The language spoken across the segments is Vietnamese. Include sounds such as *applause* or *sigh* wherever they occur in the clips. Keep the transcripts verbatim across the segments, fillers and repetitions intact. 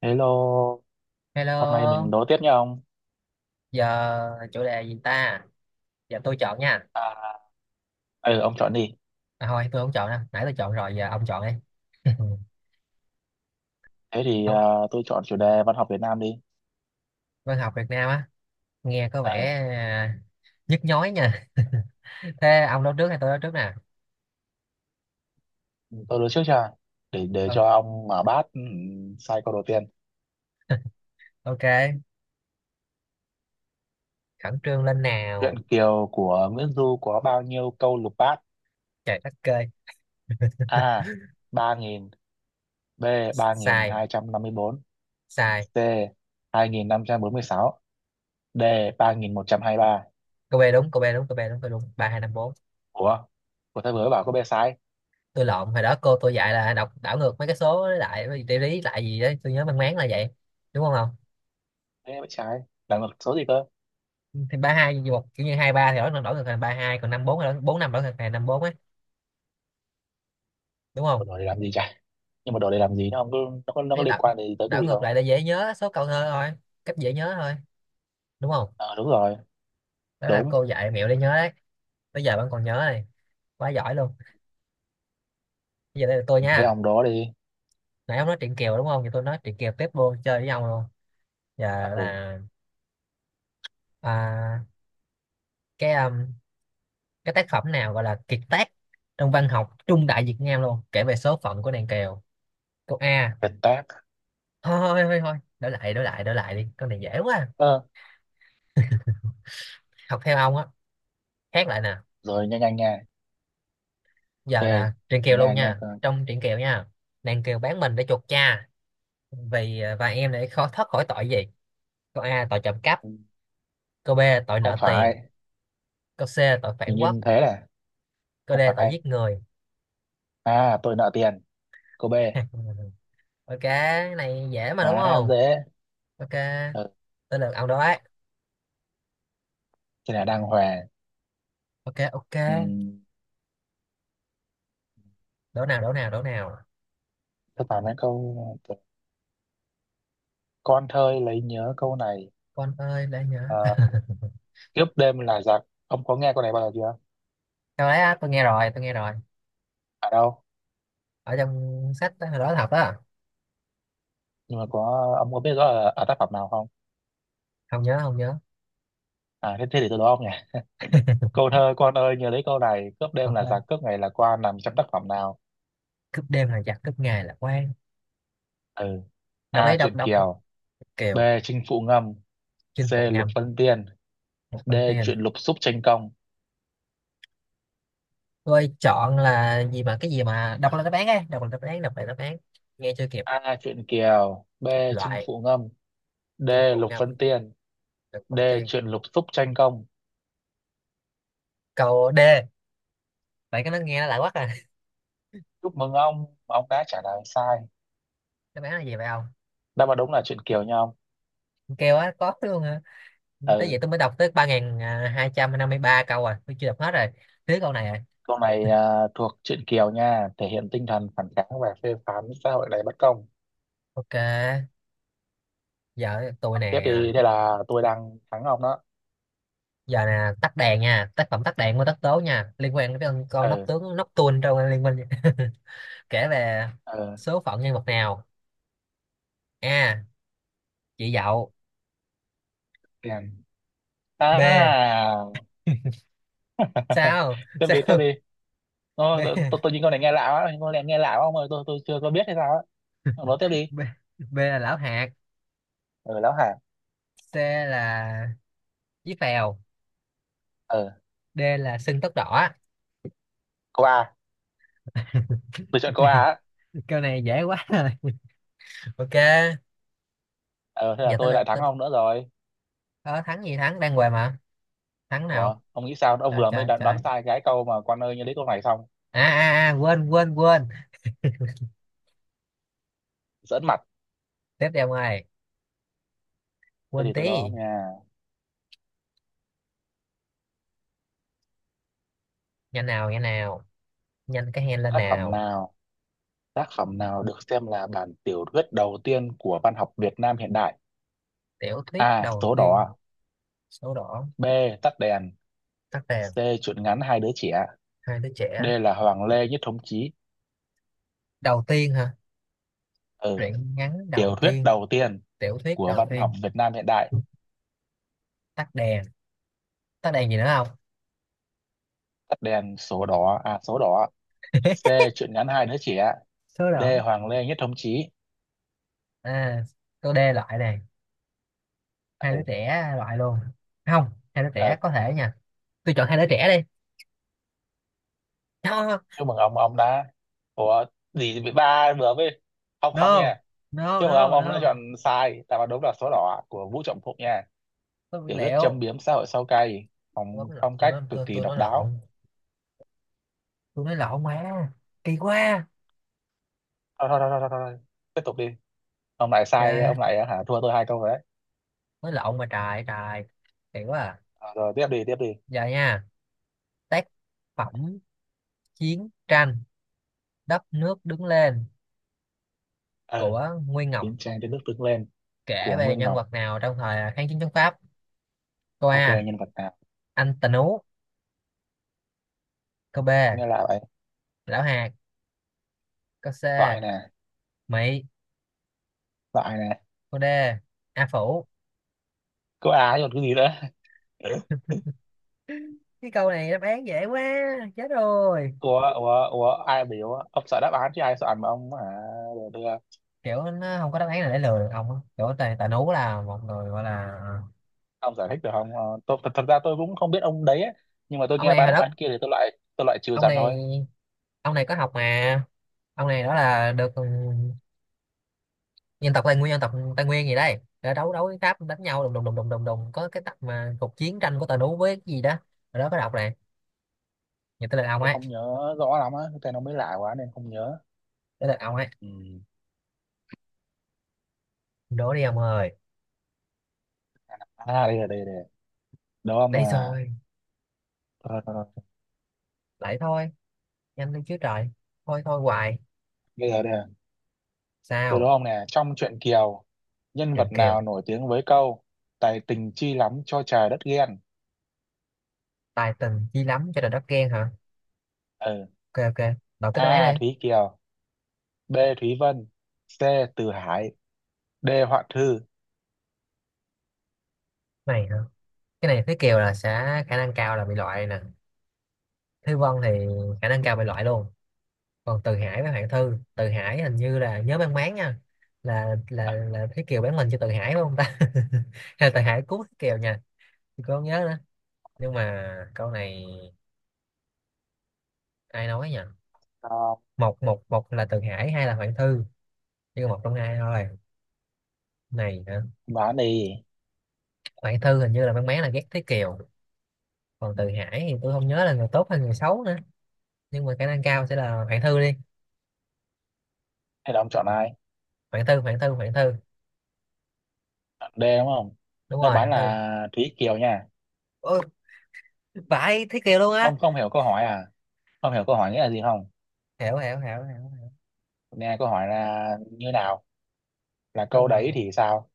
Hello, hôm nay mình Hello, đố tiếp nha ông. giờ chủ đề gì ta? Giờ tôi chọn nha. À, ừ, ông chọn đi. À, thôi, tôi không chọn đâu. Nãy tôi chọn rồi, giờ ông chọn đi. *laughs* Thế thì à, Không, tôi chọn chủ đề văn học Việt Nam đi. văn học Việt Nam á, nghe có Ừ, vẻ à, nhức nhói nha. *laughs* Thế ông nói trước hay tôi nói trước nè? tôi đối trước cho để để Ờ, cho ông mở bát ừ, sai câu đầu tiên. ok, khẩn trương lên Truyện nào. Kiều của Nguyễn Du có bao nhiêu câu lục bát? Trời đất ơi, A. ba nghìn B. sai, sai. ba nghìn hai trăm năm mươi tư C. hai nghìn năm trăm bốn mươi sáu D. ba nghìn một trăm hai mươi ba Cô B đúng, cô B đúng, cô B đúng, tôi đúng. Ba hai năm bốn. Ủa? Của tôi vừa mới bảo có B sai. Tôi lộn, hồi đó cô tôi dạy là đọc đảo ngược mấy cái số lại, cái lý lại gì đấy. Tôi nhớ mang máng là vậy. Đúng không không? Thế mới trái. Là một số gì cơ? Thì ba hai hoặc kiểu như hai ba thì đổi đổi ngược thành ba hai, còn năm bốn là bốn năm đổi ngược thành năm bốn ấy, đúng Ủa, không? rồi để làm gì chả? Nhưng mà đổ để làm gì nó không có, nó có nó có Cái liên đảo, quan gì tới cái đảo gì ngược không? lại để dễ nhớ số câu thơ thôi, cách dễ nhớ thôi, đúng không? Ờ, đúng rồi. Đó là Đúng. cô dạy mẹo để nhớ đấy. Bây giờ bạn còn nhớ này, quá giỏi luôn. Bây giờ đây là tôi Thế nha. ông đó đi. Nãy ông nói chuyện Kiều đúng không, thì tôi nói chuyện Kiều tiếp luôn, chơi với nhau luôn. À, Giờ ừ. là à, cái um, cái tác phẩm nào gọi là kiệt tác trong văn học trung đại Việt Nam luôn, kể về số phận của nàng Kiều. Câu A. Việt Táp. Thôi thôi thôi thôi, đổi lại đổi lại đổi lại đi, con này dễ quá. Ờ, Học theo ông á, khác lại nè. rồi nhanh nhanh nha. Giờ là Ok, truyện kiều nha luôn nha, nha. trong truyện kiều nha, nàng kiều bán mình để chuộc cha vì và em để khó thoát khỏi tội gì. Câu a, tội trộm cắp. Câu b, tội Không nợ tiền. phải. Câu c, tội phản Hình như quốc. thế là Câu d, không tội phải. giết người. À, tôi nợ tiền. Cô B. *laughs* Ok, cái này dễ mà, đúng Quá không? dễ. Ok, Ừ, tới lượt ông đó ấy. thế là đang hòa. Ok, ok. Ừ, Đổ nào đổ nào đổ nào. tôi bảo mấy câu con thơi lấy nhớ câu này. Con ơi để nhớ. Ờ, kiếp đêm là giặc. Ông có nghe câu này bao giờ chưa? *laughs* Câu đấy á, tôi nghe rồi tôi nghe rồi Ở đâu? Ở trong sách đó, hồi đó học đó. Nhưng mà có ông có biết rõ là ở tác phẩm nào không? Không nhớ, không nhớ. à thế, thế thì tôi đố ông nhỉ. Câu thơ Quan ơi nhớ lấy câu này, cướp đêm Con là ơi giặc, cướp ngày là quan nằm trong tác phẩm nào? cướp đêm là giặc cướp ngày là quan. Ừ. Đọc A. đấy, đọc Truyện đọc đọc. Kiều B. Kiều. Chinh Phụ Ngâm Chinh C. phụ Lục ngầm. Vân Tiên Một D. con tiền. Truyện Lục Xúc Tranh Công. Tôi chọn là gì mà cái gì mà đọc là đáp án ấy, đọc là đáp án, đọc là đáp án. Nghe chưa kịp. A. Truyện Kiều B. Chinh Loại. Phụ Ngâm D. Chinh phụ Lục ngầm. Vân Tiên Được D. con tiền. Truyện Lục Xúc Tranh Công. Câu D. Vậy cái nó nghe nó lại quá à. Chúc mừng ông, ông đã trả lời sai. *laughs* Đáp án là gì vậy không? Đáp án đúng là Truyện Kiều nha ông. Con kêu á có luôn hả? Tới vậy Ừ, tôi mới đọc tới ba nghìn à, hai trăm năm mươi ba câu rồi, tôi chưa đọc hết rồi, thiếu câu này rồi. câu này à, thuộc Truyện Kiều nha, thể hiện tinh thần phản kháng và phê phán xã hội đầy bất công. Ok, giờ tôi Ông tiếp nè. đi, à, thế là tôi đang thắng ông đó. giờ nè, tắt đèn nha, tác phẩm tắt đèn của tất tố nha, liên quan đến con, con nóc Ừ. tướng nóc tuôn trong liên minh. *laughs* Kể về Ờ, số phận nhân vật nào. a, chị dậu. đèn à. B. *laughs* *laughs* Sao Tiếp đi, tiếp sao. đi. Ô, tôi, tôi, B. tôi nhìn con này nghe lạ quá, con này nghe lạ quá ông ơi, tôi tôi chưa có biết hay sao á. Ông nói tiếp đi. B. B là lão hạt. Ừ, lão hả. C là chí phèo. Ờ, D là sưng tóc đỏ. câu A. *laughs* Tôi chọn câu A á. Câu này dễ quá rồi. Ok, Ờ, thế là giờ tới tôi lượt lại thắng tôi. ông nữa rồi. Ờ, thắng gì thắng, đang què mà, thắng Ủa nào. ông nghĩ sao ông Trời vừa mới trời đoán, đoán trời, sai cái câu mà con ơi như lấy câu này xong. à, à, à quên quên quên. Giỡn mặt. Tiếp theo ngoài, Thế quên thì tôi đó tí. nha. Nhanh nào, nhanh nào, nhanh cái hand lên Tác phẩm nào. nào, tác phẩm nào được xem là bản tiểu thuyết đầu tiên của văn học Việt Nam hiện đại? Tiểu thuyết A đầu số tiên. đỏ Số đỏ. B tắt đèn Tắt đèn. C truyện ngắn hai đứa trẻ Hai đứa D trẻ. là Hoàng Lê Nhất Thống Chí. Đầu tiên hả? Ừ. Truyện ngắn Tiểu đầu thuyết tiên. đầu tiên Tiểu thuyết của đầu văn học tiên. Việt Nam hiện đại. Tắt đèn. Tắt đèn gì nữa không? Tắt đèn số đỏ à, số đỏ. C *laughs* truyện ngắn hai đứa trẻ. Số D đỏ Hoàng Lê Nhất Thống Chí. à. Câu D loại này, hai đứa Ừ. trẻ loại luôn. Không, hai đứa trẻ Ừ. có thể nha. Tôi chọn hai đứa trẻ đi. No, Chúc mừng ông ông đã. Ủa. Gì bị ba vừa với. Không không nha. no, no, Chúc mừng ông no, ông đã chọn no. sai. Đáp án đúng là số đỏ của Vũ Trọng Phụng nha. Tôi bị Tiểu thuyết châm lẹo. biếm xã hội sâu cay, Tôi bấm phong lộn, phong tôi cách nói cực tôi kỳ tôi nói độc đáo. lộn. Tôi nói lộn mà, kỳ quá. Thôi thôi thôi thôi, thôi. Thôi. Tiếp tục đi. Ông lại sai, Kìa, ông lại hả, thua tôi hai câu rồi đấy. nói lộn mà, trời trời, kỳ quá à. Ờ, rồi tiếp đi, tiếp đi. Giờ nha, tác phẩm chiến tranh đất nước đứng lên Ờ, của Nguyên Ngọc, chiến tranh đến nước Tương lên kể của về Nguyên nhân Ngọc. vật nào trong thời kháng chiến chống Pháp. Câu Ok, A, nhân vật nào. anh Tần Ú. Câu B, Có nghe là vậy. lão hạt. Câu C, Loại nè. Mỹ. Loại nè. Câu D, A Phủ. Có ai còn cái gì nữa. Cái câu này đáp án dễ quá, chết rồi. *laughs* Ủa ủa ủa, ai biểu ông sợ đáp án chứ ai sợ ảnh mà ông à, được đưa. Kiểu nó không có đáp án nào để lừa được ông á. Kiểu tài, tài nú là một người gọi là Ông giải thích được không? Ờ, tôi, thật, thật ra tôi cũng không biết ông đấy ấy. Nhưng mà tôi ông nghe này ba hồi đáp đất án kia thì tôi loại, tôi loại trừ ông dần này, thôi. ông này có học mà, ông này đó là được, ừ, dân tộc Tây Nguyên, dân tộc Tây Nguyên gì đây, đã đấu, đấu với Pháp đánh nhau đùng đùng đùng đùng đùng đùng, có cái tập mà cuộc chiến tranh của tài nú với cái gì đó, rồi đó có đọc này. Người tới lượt ông Tôi ấy không nhớ rõ lắm á, cái tên nó mới lạ quá nên không nhớ. Tới lượt ông ấy. Ừ. Đố đi ông ơi. À đây là đây là đúng không Đây là. rồi, Rồi, rồi, rồi. lại thôi, nhanh lên chứ trời, thôi thôi hoài. Bây giờ đây. Từ đúng Sao? không nè, trong truyện Kiều, nhân Triệu vật nào Kiều. nổi tiếng với câu Tài tình chi lắm cho trời đất ghen? Tài tình chi lắm cho nên đất ghen hả? Ừ. Ok, ok. Đọc cái đáp án A. này. Thúy Kiều, B. Thúy Vân, C. Từ Hải, D. Hoạn Thư. Này hả? Cái này Thúy Kiều là sẽ khả năng cao là bị loại nè. Thúy Vân thì khả năng cao bị loại luôn. Còn Từ Hải với Hoàng Thư, Từ Hải hình như là nhớ mang máng nha, là là là Thúy Kiều bán mình cho Từ Hải đúng không ta. *laughs* Hay là Từ Hải cứu Thúy Kiều nha, tôi không nhớ nữa. Nhưng mà câu này ai nói nhỉ? À, Một một một là Từ Hải, hai là Hoàng Thư, chỉ còn một trong hai thôi. Này hả? đoán đi, Hoàng Thư hình như là mang máng là ghét Thúy Kiều, còn Từ Hải thì tôi không nhớ là người tốt hay người xấu nữa, nhưng mà khả năng cao sẽ là Hoàng Thư đi. hay là ông chọn ai? Hoàng Thư, Hoàng Thư, Hoàng Thư. Chọn D đúng không? Đúng Đáp rồi, án Hoàng là Thư. Thúy Kiều nha. Ôi, vãi Thế Kiều luôn á. Ông không hiểu câu hỏi à? Không hiểu câu hỏi nghĩa là gì không? Hiểu hiểu hiểu hiểu. Nghe câu hỏi là như nào? Là Câu câu hỏi. đấy thì sao?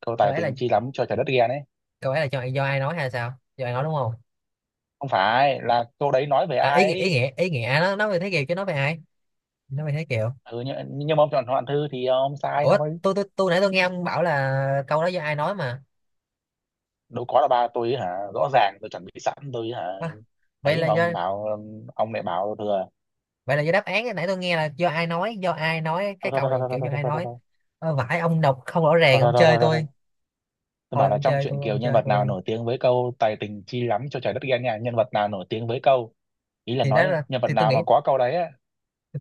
Câu Câu tài ấy là, tình chi lắm cho trời đất ghen ấy. câu ấy là cho do ai nói hay sao, do ai nói đúng không? Không phải, là câu đấy nói về À, ai ý nghĩa, ý ấy? nghĩa, ý nghĩa, à, nó nói về Thế Kiều chứ nói về ai, nói về Thế Kiều. Ừ, nhưng, nhưng mà ông chọn Hoạn Thư thì ông sai Ủa thôi. tôi tôi tôi nãy tôi nghe ông bảo là câu đó do ai nói mà. Đâu có, là ba tôi hả, rõ ràng tôi chuẩn bị sẵn tôi hả. À, vậy Ấy là mà do, ông bảo, ông lại bảo thừa. vậy là do đáp án, nãy tôi nghe là do ai nói, do ai nói cái Thôi thôi câu thôi này, thôi thôi kiểu thôi do ai thôi thôi nói. thôi. Ờ, vãi, ông đọc không rõ Thôi ràng, thôi ông thôi thôi chơi thôi thôi tôi, Tôi thôi bảo là ông trong chơi truyện tôi, Kiều ông nhân chơi vật nào tôi. nổi tiếng với câu tài tình chi lắm cho trời đất ghen nha, nhân vật nào nổi tiếng với câu, ý là thì đó nói là nhân vật thì tôi nào nghĩ, mà có câu đấy á.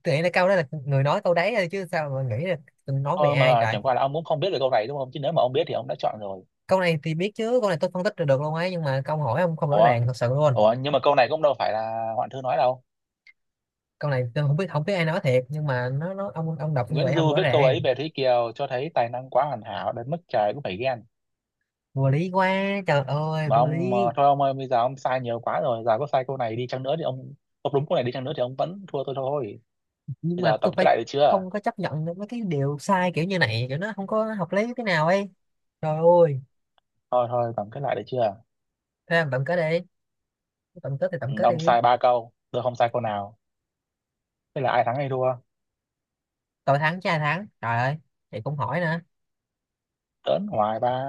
tôi nghĩ là câu đó là người nói câu đấy thôi chứ sao mà nghĩ là tôi nói về Ờ, ai mà trời. chẳng qua là ông cũng không biết về câu này đúng không, chứ nếu mà ông biết thì ông đã chọn rồi. Câu này thì biết chứ, câu này tôi phân tích được, được luôn ấy, nhưng mà câu hỏi ông không rõ Ủa, ràng thật sự luôn. ủa nhưng mà câu này cũng đâu phải là Hoạn Thư nói đâu. Câu này tôi không biết, không biết ai nói thiệt, nhưng mà nó nó ông ông đọc như Nguyễn vậy không Du rõ viết câu ấy ràng. về Thúy Kiều cho thấy tài năng quá hoàn hảo đến mức trời cũng phải ghen. Vô lý quá, trời ơi Mà vô ông lý. ờ, thôi ông ơi, bây giờ ông sai nhiều quá rồi, giờ có sai câu này đi chăng nữa thì ông ông đúng câu này đi chăng nữa thì ông vẫn thua tôi thôi. Nhưng Bây mà giờ tôi tổng kết phải, lại được chưa? không có chấp nhận được mấy cái điều sai kiểu như này, kiểu nó không có hợp lý thế nào ấy, trời ơi. Thôi thôi tổng kết lại được chưa? Thế làm tổng kết đi, tổng kết thì tổng Ừ, kết ông đi. sai ba câu, tôi không sai câu nào. Thế là ai thắng hay thua? Tôi thắng chứ ai thắng trời ơi, thì cũng hỏi nữa, Tớn hoài ba.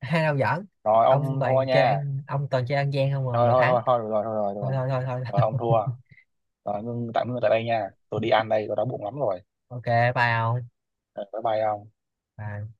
hai đâu giỡn. Rồi Ông ông thua toàn chơi nha. ăn, ông toàn chơi ăn gian không mà Thôi được thôi thắng. thôi thôi được rồi, thôi rồi được Thôi rồi. thôi thôi thôi. Rồi ông *laughs* thua. Rồi ngưng, tạm ngưng tại đây nha, tôi đi ăn đây, tôi đói bụng lắm rồi. Ok, bye ông. Ờ, bye bye ông. Bye.